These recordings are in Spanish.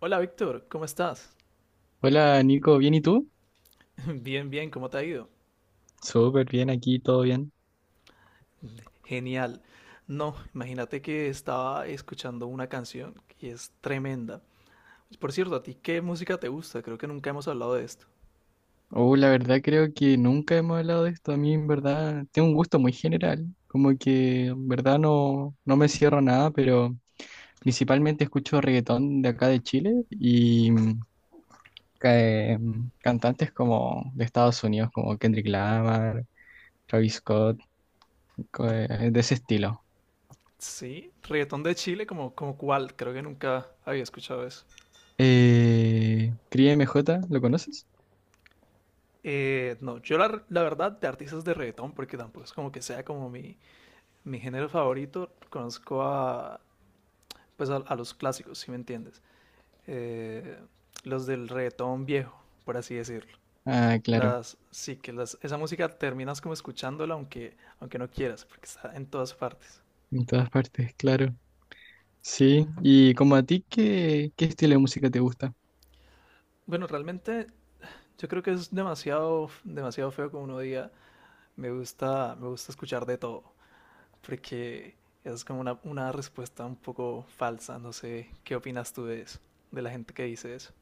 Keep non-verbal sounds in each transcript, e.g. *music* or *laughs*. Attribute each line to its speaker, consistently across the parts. Speaker 1: Hola Víctor, ¿cómo estás?
Speaker 2: Hola Nico, ¿bien y tú?
Speaker 1: *laughs* Bien, bien, ¿cómo te ha ido?
Speaker 2: Súper bien aquí, todo bien.
Speaker 1: Genial. No, imagínate que estaba escuchando una canción que es tremenda. Por cierto, ¿a ti qué música te gusta? Creo que nunca hemos hablado de esto.
Speaker 2: Oh, la verdad creo que nunca hemos hablado de esto. A mí en verdad tengo un gusto muy general, como que en verdad no, no me cierro a nada, pero principalmente escucho reggaetón de acá de Chile y cantantes como de Estados Unidos, como Kendrick Lamar, Travis Scott, de ese estilo.
Speaker 1: Sí, reggaetón de Chile, como, como cuál, creo que nunca había escuchado eso.
Speaker 2: Cris MJ, ¿lo conoces?
Speaker 1: No, yo la verdad de artistas de reggaetón, porque tampoco es como que sea como mi género favorito, conozco a, pues a los clásicos, si me entiendes. Eh, los del reggaetón viejo, por así decirlo.
Speaker 2: Ah, claro,
Speaker 1: Las, sí, que las, esa música terminas como escuchándola aunque no quieras, porque está en todas partes.
Speaker 2: en todas partes, claro. Sí, y como a ti, qué estilo de música te gusta?
Speaker 1: Bueno, realmente yo creo que es demasiado, demasiado feo como uno diga, me gusta escuchar de todo, porque es como una respuesta un poco falsa, no sé, ¿qué opinas tú de eso? De la gente que dice eso.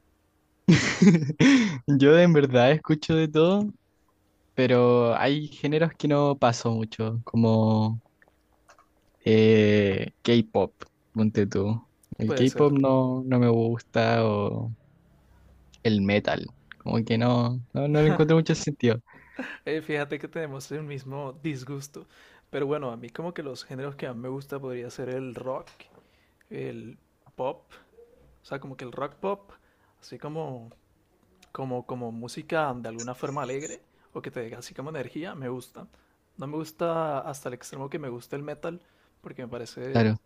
Speaker 2: *laughs* Yo en verdad escucho de todo, pero hay géneros que no paso mucho, como K-pop, ponte tú. El
Speaker 1: Puede ser.
Speaker 2: K-pop no me gusta, o el metal, como que no le encuentro mucho sentido.
Speaker 1: Fíjate que tenemos el mismo disgusto, pero bueno, a mí como que los géneros que más me gusta podría ser el rock, el pop. O sea, como que el rock pop, así como, como, como música de alguna forma alegre o que te dé así como energía, me gusta. No me gusta hasta el extremo que me gusta el metal porque me parece
Speaker 2: Claro,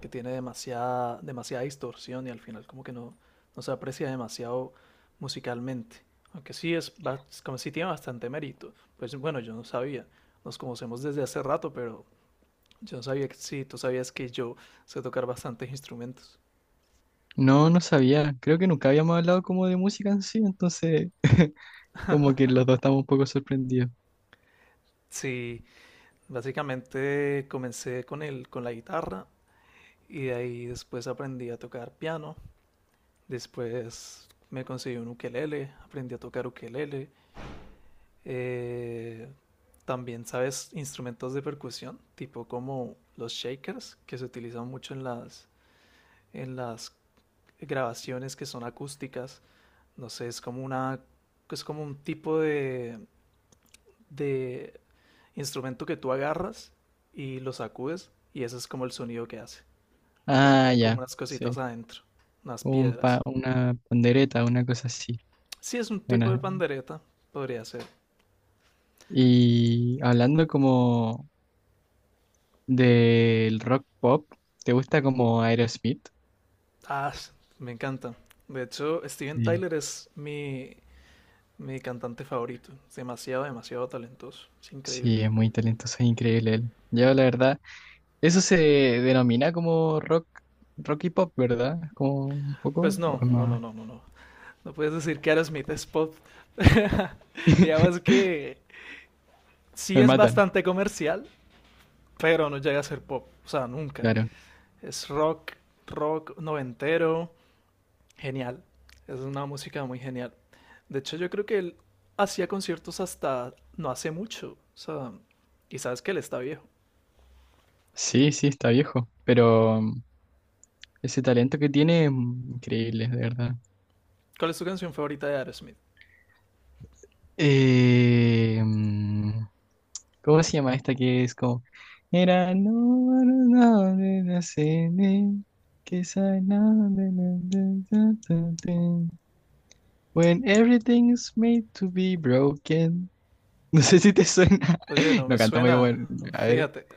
Speaker 1: que tiene demasiada, demasiada distorsión y al final como que no, no se aprecia demasiado musicalmente. Aunque sí es, es como si tiene bastante mérito. Pues bueno, yo no sabía. Nos conocemos desde hace rato, pero yo no sabía que sí, tú sabías que yo sé tocar bastantes instrumentos.
Speaker 2: no sabía, creo que nunca habíamos hablado como de música en sí, entonces como que los dos estamos un poco sorprendidos.
Speaker 1: Sí, básicamente comencé con con la guitarra y de ahí después aprendí a tocar piano. Después me conseguí un ukelele, aprendí a tocar ukelele. Eh, También sabes instrumentos de percusión, tipo como los shakers, que se utilizan mucho en en las grabaciones que son acústicas. No sé, es como una, es como un tipo de instrumento que tú agarras y lo sacudes y ese es como el sonido que hace. Porque
Speaker 2: Ah,
Speaker 1: tiene como
Speaker 2: ya,
Speaker 1: unas
Speaker 2: sí.
Speaker 1: cositas adentro, unas
Speaker 2: Un
Speaker 1: piedras.
Speaker 2: una pandereta, una cosa así.
Speaker 1: Sí, es un tipo
Speaker 2: Bueno,
Speaker 1: de pandereta, podría ser.
Speaker 2: y hablando como del rock pop, ¿te gusta como Aerosmith?
Speaker 1: Ah, me encanta. De hecho, Steven
Speaker 2: Sí.
Speaker 1: Tyler es mi cantante favorito. Es demasiado, demasiado talentoso. Es increíble.
Speaker 2: Sí, es muy talentoso, es increíble él. Yo la verdad, eso se denomina como rock y pop, ¿verdad? Como un poco,
Speaker 1: Pues
Speaker 2: o
Speaker 1: no,
Speaker 2: es
Speaker 1: no, no,
Speaker 2: más-
Speaker 1: no, no, no. No puedes decir que Aerosmith es pop. *laughs* Digamos
Speaker 2: *laughs*
Speaker 1: que sí
Speaker 2: Me
Speaker 1: es
Speaker 2: matan,
Speaker 1: bastante comercial, pero no llega a ser pop. O sea, nunca.
Speaker 2: claro.
Speaker 1: Es rock, rock noventero. Genial. Es una música muy genial. De hecho, yo creo que él hacía conciertos hasta no hace mucho. O sea, y sabes que él está viejo.
Speaker 2: Sí, sí, está viejo, pero ese talento que tiene, increíble, de verdad.
Speaker 1: ¿Cuál es tu canción favorita de Aerosmith?
Speaker 2: Eh, mm, ¿Cómo se llama esta que es como... Era no, no, no, de la cene, que sa- na- de la- de- da- da- de. When everything's made to be broken. *laughs* No sé si te suena.
Speaker 1: Oye,
Speaker 2: *laughs*
Speaker 1: no me
Speaker 2: No canta muy
Speaker 1: suena.
Speaker 2: bueno. A ver.
Speaker 1: Fíjate. *laughs*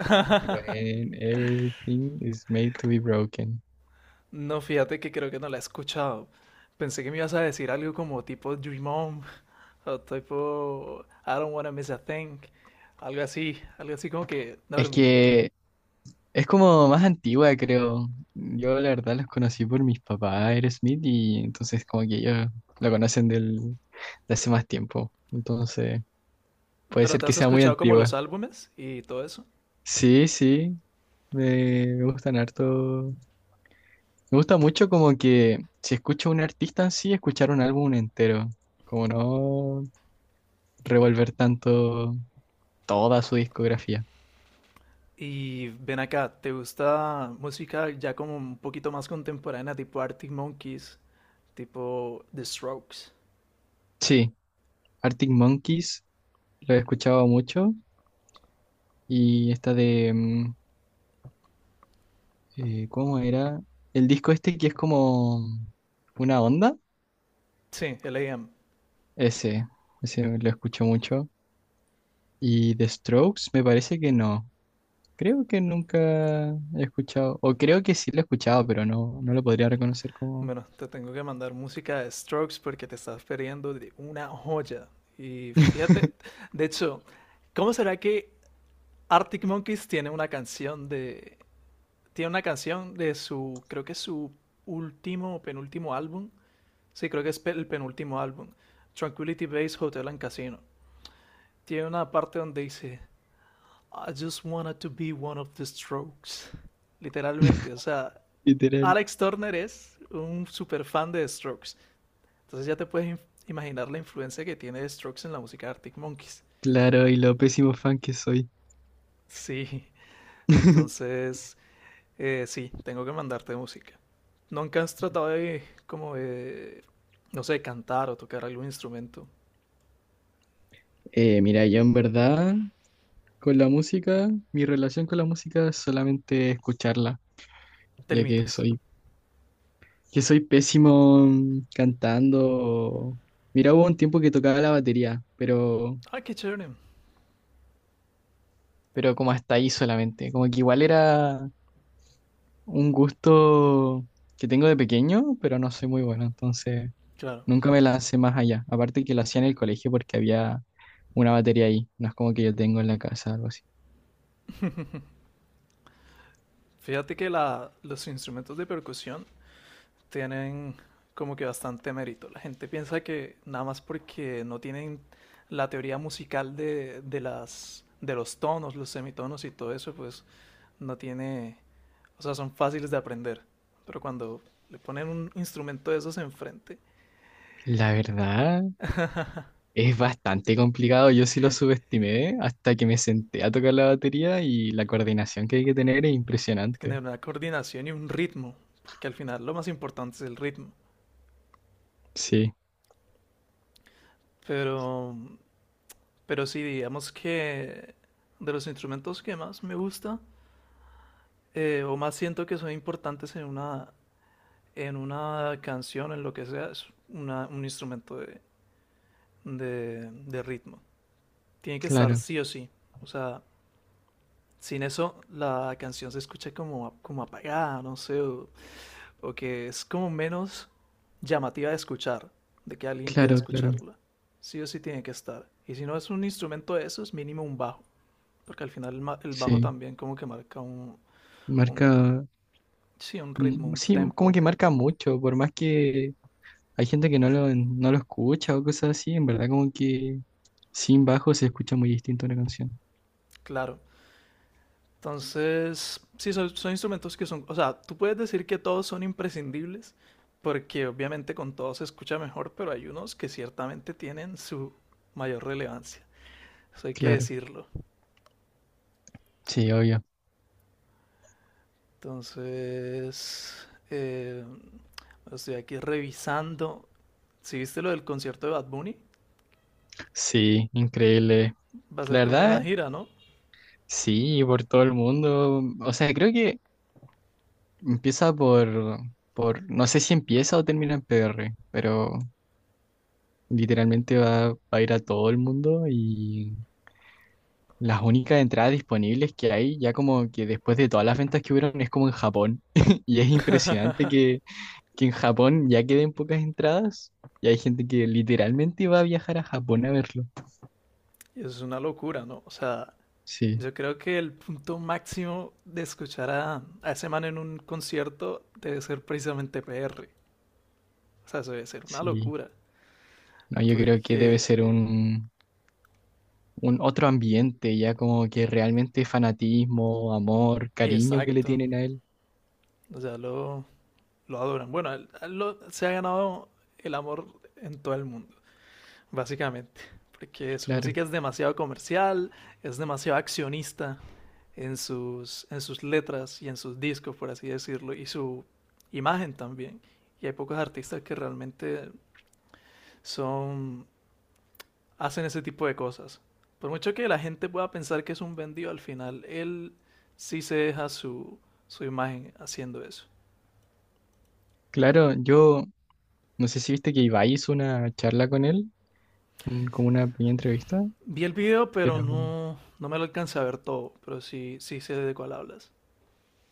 Speaker 2: When everything is made to be broken.
Speaker 1: No, fíjate que creo que no la he escuchado. Pensé que me ibas a decir algo como tipo Dream On o tipo I don't wanna miss a thing. Algo así como que
Speaker 2: Es
Speaker 1: dormí.
Speaker 2: que es como más antigua, creo. Yo la verdad los conocí por mis papás, Aerosmith, y entonces como que ellos lo conocen de hace más tiempo. Entonces. Puede
Speaker 1: Pero
Speaker 2: ser
Speaker 1: te
Speaker 2: que
Speaker 1: has
Speaker 2: sea muy
Speaker 1: escuchado como
Speaker 2: antigua.
Speaker 1: los álbumes y todo eso.
Speaker 2: Sí, sí, me gustan harto. Me gusta mucho como que si escucho a un artista en sí, escuchar un álbum entero. Como no revolver tanto toda su discografía.
Speaker 1: Y ven acá, ¿te gusta música ya como un poquito más contemporánea, tipo Arctic Monkeys, tipo The Strokes?
Speaker 2: Sí, Arctic Monkeys lo he escuchado mucho. Y esta de, ¿cómo era? El disco este que es como una onda.
Speaker 1: Sí, L.A.M.
Speaker 2: Ese, ese lo escucho mucho. Y The Strokes me parece que no. Creo que nunca he escuchado, o creo que sí lo he escuchado, pero no lo podría reconocer como
Speaker 1: Bueno, te tengo que mandar música de Strokes porque te estás perdiendo de una joya. Y fíjate,
Speaker 2: *laughs*
Speaker 1: de hecho, ¿cómo será que Arctic Monkeys tiene una canción de... Tiene una canción de su, creo que es su último o penúltimo álbum. Sí, creo que es el penúltimo álbum. Tranquility Base Hotel and Casino. Tiene una parte donde dice... I just wanted to be one of the Strokes. Literalmente, o sea,
Speaker 2: literal.
Speaker 1: Alex Turner es un super fan de Strokes. Entonces ya te puedes imaginar la influencia que tiene Strokes en la música de Arctic Monkeys.
Speaker 2: Claro, y lo pésimo fan que soy.
Speaker 1: Sí,
Speaker 2: *laughs*
Speaker 1: entonces sí, tengo que mandarte música. ¿Nunca has tratado de, como de, no sé, cantar o tocar algún instrumento?
Speaker 2: Mira, yo en verdad con la música, mi relación con la música es solamente escucharla,
Speaker 1: Te
Speaker 2: ya que
Speaker 1: limitas.
Speaker 2: que soy pésimo cantando. O- Mira, hubo un tiempo que tocaba la batería,
Speaker 1: Ay, qué chévere.
Speaker 2: pero como hasta ahí solamente, como que igual era un gusto que tengo de pequeño, pero no soy muy bueno, entonces
Speaker 1: Claro.
Speaker 2: nunca me lancé más allá. Aparte que lo hacía en el colegio porque había una batería ahí, no es como que yo tengo en la casa algo así.
Speaker 1: Fíjate que los instrumentos de percusión tienen como que bastante mérito. La gente piensa que nada más porque no tienen la teoría musical de las de los tonos, los semitonos y todo eso, pues no tiene, o sea, son fáciles de aprender. Pero cuando le ponen un instrumento de esos enfrente,
Speaker 2: La verdad es bastante complicado, yo sí lo subestimé hasta que me senté a tocar la batería y la coordinación que hay que tener es
Speaker 1: tiene
Speaker 2: impresionante.
Speaker 1: una coordinación y un ritmo, porque al final lo más importante es el ritmo.
Speaker 2: Sí,
Speaker 1: Pero, pero sí, digamos que de los instrumentos que más me gusta o más siento que son importantes en una canción, en lo que sea, es un instrumento de, de ritmo. Tiene que estar
Speaker 2: claro,
Speaker 1: sí o sí. O sea, sin eso la canción se escucha como, como apagada, no sé, o que es como menos llamativa de escuchar, de que alguien quiera
Speaker 2: claro, claro.
Speaker 1: escucharla. Sí o sí tiene que estar. Y si no es un instrumento de esos mínimo un bajo. Porque al final el, el bajo
Speaker 2: Sí,
Speaker 1: también como que marca un,
Speaker 2: marca,
Speaker 1: sí, un ritmo, un
Speaker 2: sí, como
Speaker 1: tempo,
Speaker 2: que marca mucho, por más que hay gente que no lo escucha o cosas así, en verdad como que sin bajo se escucha muy distinto una canción.
Speaker 1: claro. Entonces, sí, son, son instrumentos que son, o sea, tú puedes decir que todos son imprescindibles, porque obviamente con todos se escucha mejor, pero hay unos que ciertamente tienen su mayor relevancia, eso hay que
Speaker 2: Claro,
Speaker 1: decirlo.
Speaker 2: sí, obvio.
Speaker 1: Entonces, estoy aquí revisando, si viste lo del concierto de Bad Bunny,
Speaker 2: Sí, increíble.
Speaker 1: va a
Speaker 2: La
Speaker 1: ser como una
Speaker 2: verdad,
Speaker 1: gira, ¿no?
Speaker 2: sí, por todo el mundo. O sea, creo que empieza por, no sé si empieza o termina en PR, pero literalmente va a ir a todo el mundo y las únicas entradas disponibles que hay, ya como que después de todas las ventas que hubieron, es como en Japón. *laughs* Y es impresionante que en Japón ya queden pocas entradas y hay gente que literalmente va a viajar a Japón a verlo.
Speaker 1: Y eso es una locura, ¿no? O sea,
Speaker 2: Sí.
Speaker 1: yo creo que el punto máximo de escuchar a ese man en un concierto debe ser precisamente PR. O sea, eso debe ser una
Speaker 2: Sí,
Speaker 1: locura.
Speaker 2: no, yo creo que
Speaker 1: Porque,
Speaker 2: debe ser un otro ambiente, ya como que realmente fanatismo, amor,
Speaker 1: y
Speaker 2: cariño que le
Speaker 1: exacto,
Speaker 2: tienen a él.
Speaker 1: o sea, lo adoran. Bueno, a él se ha ganado el amor en todo el mundo, básicamente. Porque su
Speaker 2: Claro,
Speaker 1: música es demasiado comercial, es demasiado accionista en sus letras y en sus discos, por así decirlo, y su imagen también. Y hay pocos artistas que realmente son, hacen ese tipo de cosas. Por mucho que la gente pueda pensar que es un vendido, al final él sí se deja su, su imagen haciendo eso.
Speaker 2: claro, yo no sé si viste que Ibai hizo una charla con él, un- como una pequeña entrevista,
Speaker 1: Vi el video, pero
Speaker 2: pero,
Speaker 1: no, no me lo alcancé a ver todo, pero sí, sí sé de cuál hablas.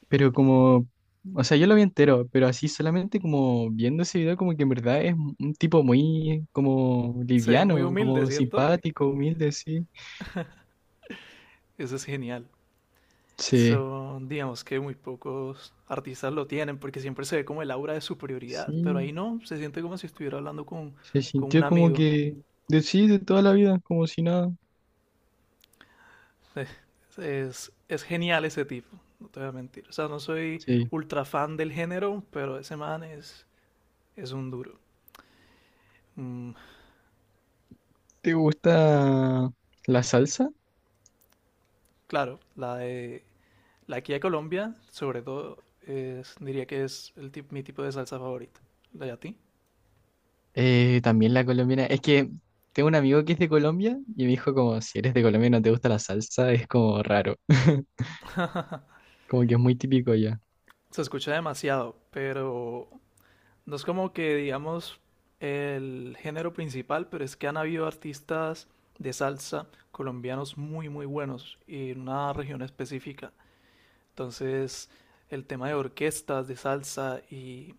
Speaker 2: pero como, o sea, yo lo vi entero, pero así solamente como viendo ese video, como que en verdad es un tipo muy como
Speaker 1: Se ve muy
Speaker 2: liviano,
Speaker 1: humilde,
Speaker 2: como
Speaker 1: ¿cierto?
Speaker 2: simpático, humilde, sí.
Speaker 1: Eso es genial.
Speaker 2: Sí,
Speaker 1: Son, digamos que muy pocos artistas lo tienen, porque siempre se ve como el aura de superioridad, pero ahí
Speaker 2: sí.
Speaker 1: no, se siente como si estuviera hablando
Speaker 2: Se
Speaker 1: con un
Speaker 2: sintió como
Speaker 1: amigo.
Speaker 2: que de sí, de toda la vida, como si nada.
Speaker 1: Es genial ese tipo, no te voy a mentir. O sea, no soy
Speaker 2: Sí.
Speaker 1: ultra fan del género, pero ese man es un duro. Mm,
Speaker 2: ¿Te gusta la salsa?
Speaker 1: claro, la de la aquí de Colombia, sobre todo, diría que es el mi tipo de salsa favorita. ¿La de a ti?
Speaker 2: También la colombiana. Es que tengo un amigo que es de Colombia y me dijo como, si eres de Colombia y no te gusta la salsa, es como raro. *laughs* Como que es muy típico ya.
Speaker 1: Se escucha demasiado, pero no es como que digamos el género principal, pero es que han habido artistas de salsa colombianos muy muy buenos y en una región específica. Entonces, el tema de orquestas de salsa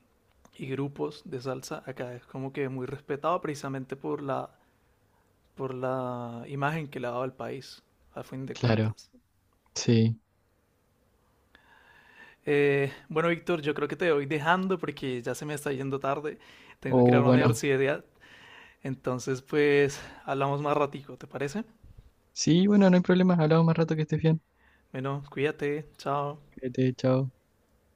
Speaker 1: y grupos de salsa acá es como que muy respetado precisamente por por la imagen que le ha dado al país, al fin de
Speaker 2: Claro,
Speaker 1: cuentas.
Speaker 2: sí.
Speaker 1: Bueno, Víctor, yo creo que te voy dejando porque ya se me está yendo tarde. Tengo que ir a
Speaker 2: O
Speaker 1: la
Speaker 2: bueno,
Speaker 1: universidad. Entonces, pues, hablamos más ratico, ¿te parece?
Speaker 2: sí, bueno, no hay problema. Hablamos más rato que estés bien.
Speaker 1: Bueno, cuídate, chao.
Speaker 2: Cuídate, chao.